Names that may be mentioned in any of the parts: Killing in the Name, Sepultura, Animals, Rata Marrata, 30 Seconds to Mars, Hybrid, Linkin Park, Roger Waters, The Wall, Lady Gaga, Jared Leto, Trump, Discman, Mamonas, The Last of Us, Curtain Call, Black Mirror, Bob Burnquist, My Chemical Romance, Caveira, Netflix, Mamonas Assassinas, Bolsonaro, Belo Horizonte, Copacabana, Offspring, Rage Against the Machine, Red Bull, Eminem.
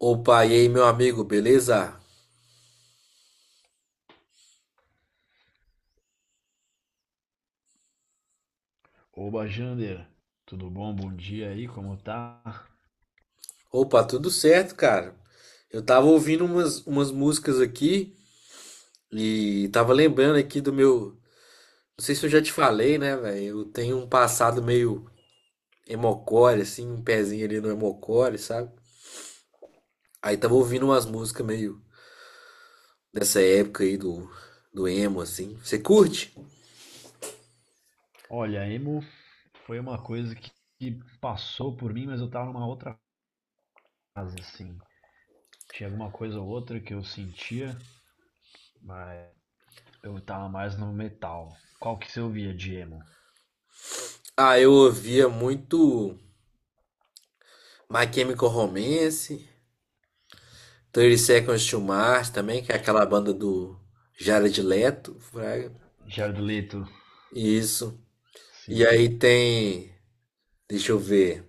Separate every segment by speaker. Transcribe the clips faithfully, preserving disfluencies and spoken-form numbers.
Speaker 1: Opa, e aí, meu amigo, beleza?
Speaker 2: Oba, Jander, tudo bom? Bom dia aí, como tá?
Speaker 1: Opa, tudo certo, cara. Eu tava ouvindo umas, umas músicas aqui e tava lembrando aqui do meu. Não sei se eu já te falei, né, velho? Eu tenho um passado meio emocore, assim, um pezinho ali no emocore, sabe? Aí tava ouvindo umas músicas meio dessa época aí do, do emo, assim. Você curte?
Speaker 2: Olha, emo foi uma coisa que, que passou por mim, mas eu tava numa outra fase, assim. Tinha alguma coisa ou outra que eu sentia, mas eu tava mais no metal. Qual que você ouvia de emo?
Speaker 1: Ah, eu ouvia muito My Chemical Romance, trinta Seconds to Mars também, que é aquela banda do Jared Leto.
Speaker 2: Jared Leto,
Speaker 1: Isso. E
Speaker 2: sim.
Speaker 1: aí tem, deixa eu ver.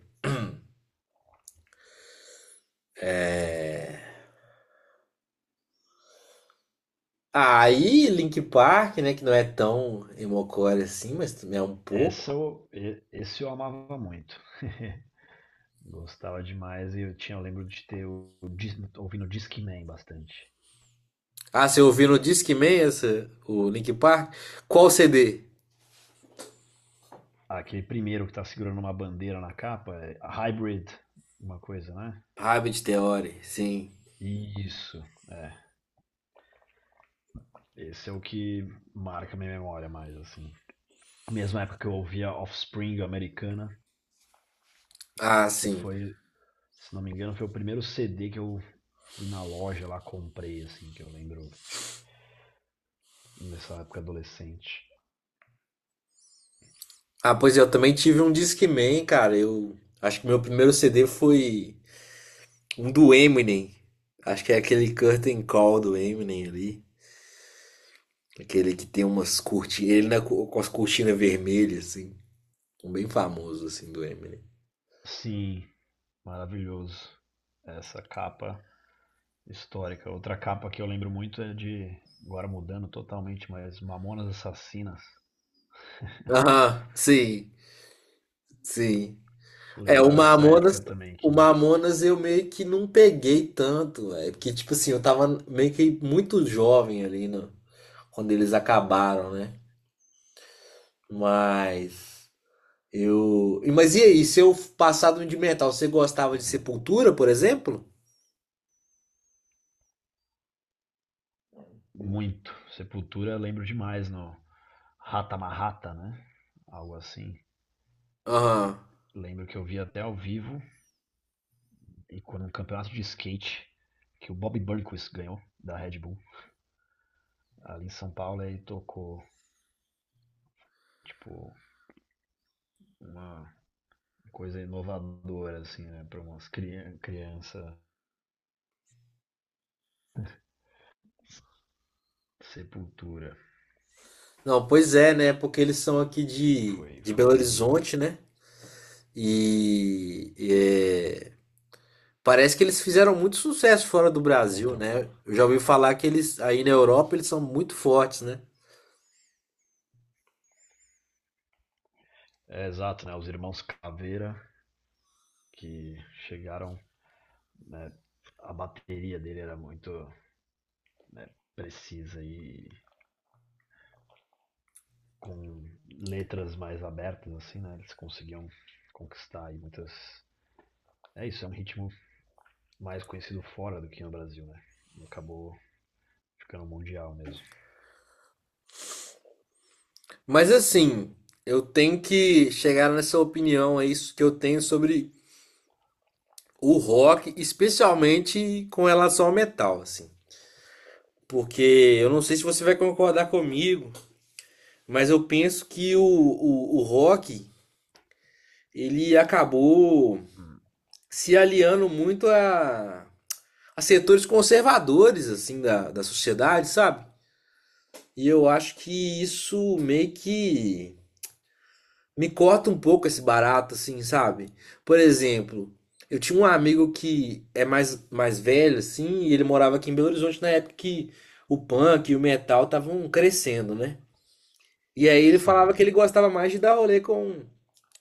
Speaker 1: Aí Link Park, né, que não é tão emocore assim, mas também é um
Speaker 2: Essa
Speaker 1: pouco.
Speaker 2: eu, e- esse eu amava muito. Gostava demais e eu tinha, eu lembro de ter o, dis- ouvindo Discman bastante.
Speaker 1: Ah, você ouviu no Discman essa, o Link Park? Qual C D?
Speaker 2: Aquele primeiro que tá segurando uma bandeira na capa, é a Hybrid, uma coisa, né?
Speaker 1: Rabbit Theory, sim.
Speaker 2: Isso, é. Esse é o que marca minha memória mais, assim. Mesma época que eu ouvia Offspring americana,
Speaker 1: Ah,
Speaker 2: que
Speaker 1: sim.
Speaker 2: foi, se não me engano, foi o primeiro C D que eu fui na loja lá, comprei, assim, que eu lembro nessa época adolescente.
Speaker 1: Ah, pois é, eu também tive um Discman, cara. Eu acho que meu primeiro C D foi um do Eminem. Acho que é aquele Curtain Call do Eminem ali. Aquele que tem umas cortinas, ele na, com as cortinas vermelhas, assim. Um bem famoso, assim, do Eminem.
Speaker 2: Sim, maravilhoso. Essa capa histórica. Outra capa que eu lembro muito é de, agora mudando totalmente, mas Mamonas Assassinas.
Speaker 1: Aham, sim, sim. É, o
Speaker 2: Lembrava essa época
Speaker 1: Mamonas,
Speaker 2: também
Speaker 1: o
Speaker 2: que.
Speaker 1: Mamonas eu meio que não peguei tanto, é porque, tipo assim, eu tava meio que muito jovem ali, né, quando eles acabaram, né? Mas eu. e- Mas e aí, seu passado de metal, você gostava de Sepultura, por exemplo?
Speaker 2: Muito. Sepultura lembro demais no Rata Marrata, né? Algo assim.
Speaker 1: Aham.
Speaker 2: Lembro que eu vi até ao vivo e quando no campeonato de skate que o Bob Burnquist ganhou da Red Bull ali em São Paulo ele tocou, tipo, uma coisa inovadora, assim, né, para umas criança, criança sepultura.
Speaker 1: Não, pois é, né? Porque eles são aqui de,
Speaker 2: foi
Speaker 1: de Belo
Speaker 2: foi um,
Speaker 1: Horizonte, né? E, parece que eles fizeram muito sucesso fora do
Speaker 2: é,
Speaker 1: Brasil,
Speaker 2: então
Speaker 1: né? Eu já ouvi falar que eles aí na Europa eles são muito fortes, né?
Speaker 2: é exato, né, os irmãos Caveira que chegaram, né, a bateria dele era muito, né, precisa, e com letras mais abertas, assim, né? Eles conseguiam conquistar aí muitas. É isso, é um ritmo mais conhecido fora do que no Brasil, né? E acabou ficando mundial mesmo.
Speaker 1: Mas assim, eu tenho que chegar nessa opinião aí que eu tenho sobre o rock, especialmente com relação ao metal, assim. Porque eu não sei se você vai concordar comigo, mas eu penso que o, o, o rock ele acabou
Speaker 2: Hum.
Speaker 1: se aliando muito a, a setores conservadores assim da, da sociedade, sabe? E eu acho que isso meio que me corta um pouco esse barato, assim, sabe? Por exemplo, eu tinha um amigo que é mais, mais velho, assim, e ele morava aqui em Belo Horizonte na época que o punk e o metal estavam crescendo, né? E aí ele falava
Speaker 2: Sim.
Speaker 1: que ele gostava mais de dar rolê com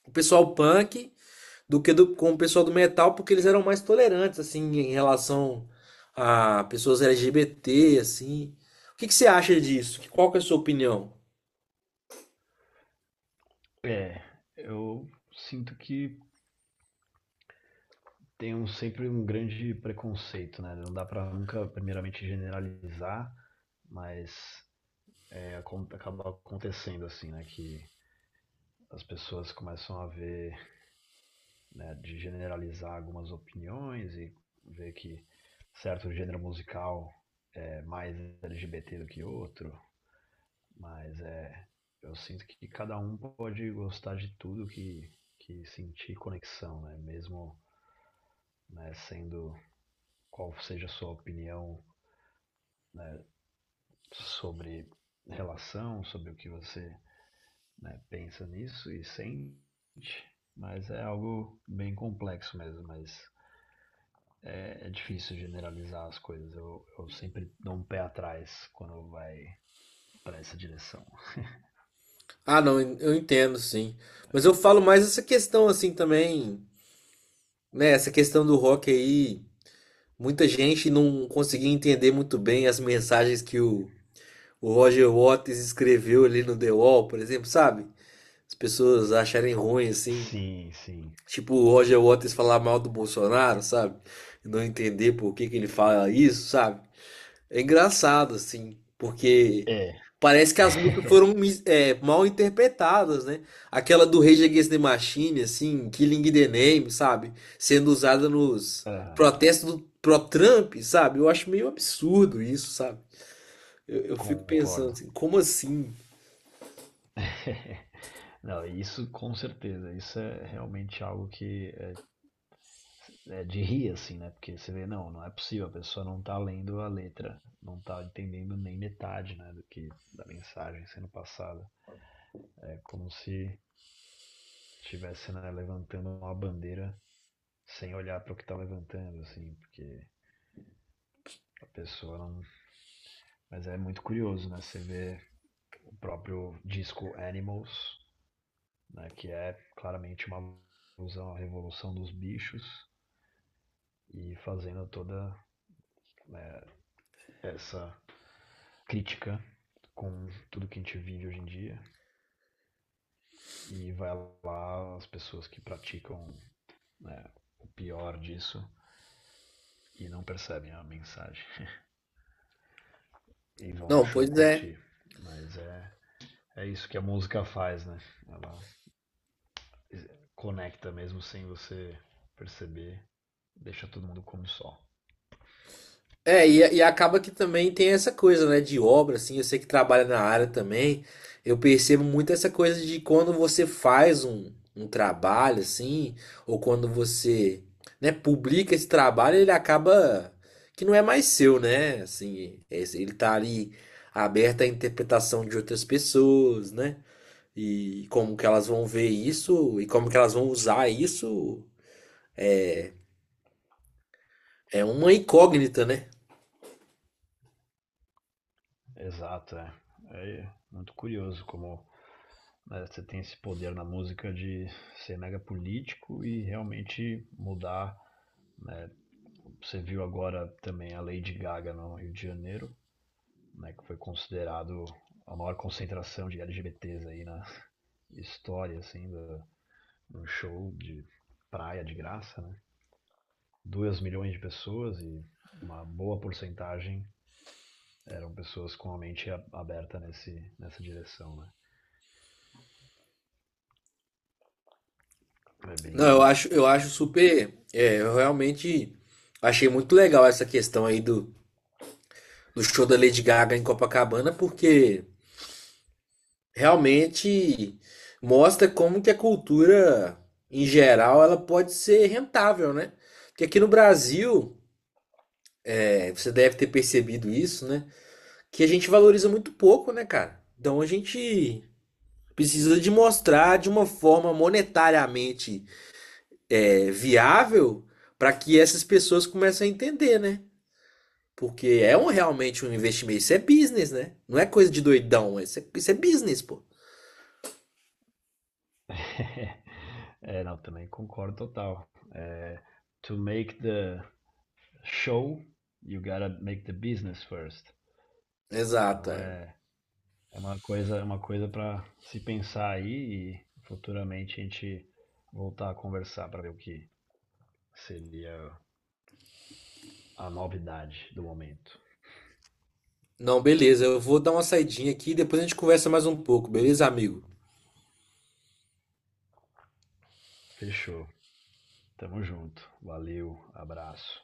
Speaker 1: o pessoal punk do que do- com o pessoal do metal, porque eles eram mais tolerantes, assim, em relação a pessoas L G B T, assim. O que que você acha disso? Qual que é a sua opinião?
Speaker 2: É, eu sinto que tem um- sempre um grande preconceito, né? Não dá pra nunca, primeiramente, generalizar, mas é, acaba acontecendo assim, né? Que as pessoas começam a ver, né, de generalizar algumas opiniões e ver que certo gênero musical é mais L G B T do que outro, mas é, eu sinto que cada um pode gostar de tudo que, que sentir conexão, né? Mesmo, né, sendo qual seja a sua opinião, né, sobre relação, sobre o que você, né, pensa nisso e sente, mas é algo bem complexo mesmo, mas É, é, difícil generalizar as coisas. Eu, eu sempre dou um pé atrás quando vai para essa direção.
Speaker 1: Ah, não, eu entendo, sim. Mas eu falo mais essa questão assim também, né? Essa questão do rock aí, muita gente não conseguia entender muito bem as mensagens que o, o Roger Waters escreveu ali no The Wall, por exemplo, sabe? As pessoas acharem ruim assim,
Speaker 2: Sim, sim.
Speaker 1: tipo o Roger Waters falar mal do Bolsonaro, sabe? Não entender por que que ele fala isso, sabe? É engraçado, assim, porque
Speaker 2: É.
Speaker 1: parece que as músicas foram mis- é, mal interpretadas, né? Aquela do Rage Against the Machine, assim, Killing in the Name, sabe? Sendo usada nos
Speaker 2: Aham,
Speaker 1: protestos do pro Trump, sabe? Eu acho meio absurdo isso, sabe? Eu, eu fico pensando
Speaker 2: Concordo.
Speaker 1: assim, como assim?
Speaker 2: Não, isso com certeza. Isso é realmente algo que é, é de rir, assim, né? Porque você vê, não, não é possível, a pessoa não tá lendo a letra, não tá entendendo nem metade, né, do que da mensagem sendo passada. É como se estivesse, né, levantando uma bandeira sem olhar para o que está levantando, assim, porque a pessoa não. Mas é muito curioso, né? Você vê o próprio disco Animals, né? Que é claramente uma alusão à revolução dos bichos e fazendo toda, né, essa crítica com tudo que a gente vive hoje em dia. E vai lá as pessoas que praticam, né, o pior disso e não percebem a mensagem e vão no
Speaker 1: Não,
Speaker 2: show
Speaker 1: pois é.
Speaker 2: curtir. Mas é, é isso que a música faz, né? Ela conecta mesmo sem você perceber, deixa todo mundo como só.
Speaker 1: É, e, e acaba que também tem essa coisa, né, de obra, assim, eu sei que trabalha na área também, eu percebo muito essa coisa de quando você faz um, um trabalho, assim, ou quando você, né, publica esse trabalho, ele acaba que não é mais seu, né, assim, esse- ele tá ali aberto à interpretação de outras pessoas, né, e como que elas vão ver isso, e como que elas vão usar isso, é uma incógnita, né?
Speaker 2: Exato, é. É muito curioso como, né, você tem esse poder na música de ser mega político e realmente mudar, né? Você viu agora também a Lady Gaga no Rio de Janeiro, né, que foi considerado a maior concentração de L G B T s aí na história, assim, da, um show de praia de graça, né? dois milhões de pessoas e uma boa porcentagem eram pessoas com a mente aberta nesse, nessa direção, né? É
Speaker 1: Não, eu
Speaker 2: bem.
Speaker 1: acho, eu acho super. É, eu realmente achei muito legal essa questão aí do, do show da Lady Gaga em Copacabana, porque realmente mostra como que a cultura, em geral, ela pode ser rentável, né? Porque aqui no Brasil, é, você deve ter percebido isso, né? Que a gente valoriza muito pouco, né, cara? Então a gente precisa de mostrar de uma forma monetariamente é, viável para que essas pessoas comecem a entender, né? Porque é um, realmente um investimento. Isso é business, né? Não é coisa de doidão. é, Isso é, isso é business, pô.
Speaker 2: É, não, também concordo total. É, to make the show, you gotta make the business first.
Speaker 1: Exato,
Speaker 2: Então
Speaker 1: é.
Speaker 2: é, é uma coisa, é uma coisa para se pensar aí e futuramente a gente voltar a conversar para ver o que seria a novidade do momento.
Speaker 1: Não, beleza. Eu vou dar uma saidinha aqui e depois a gente conversa mais um pouco, beleza, amigo?
Speaker 2: Fechou. Tamo junto, valeu, abraço.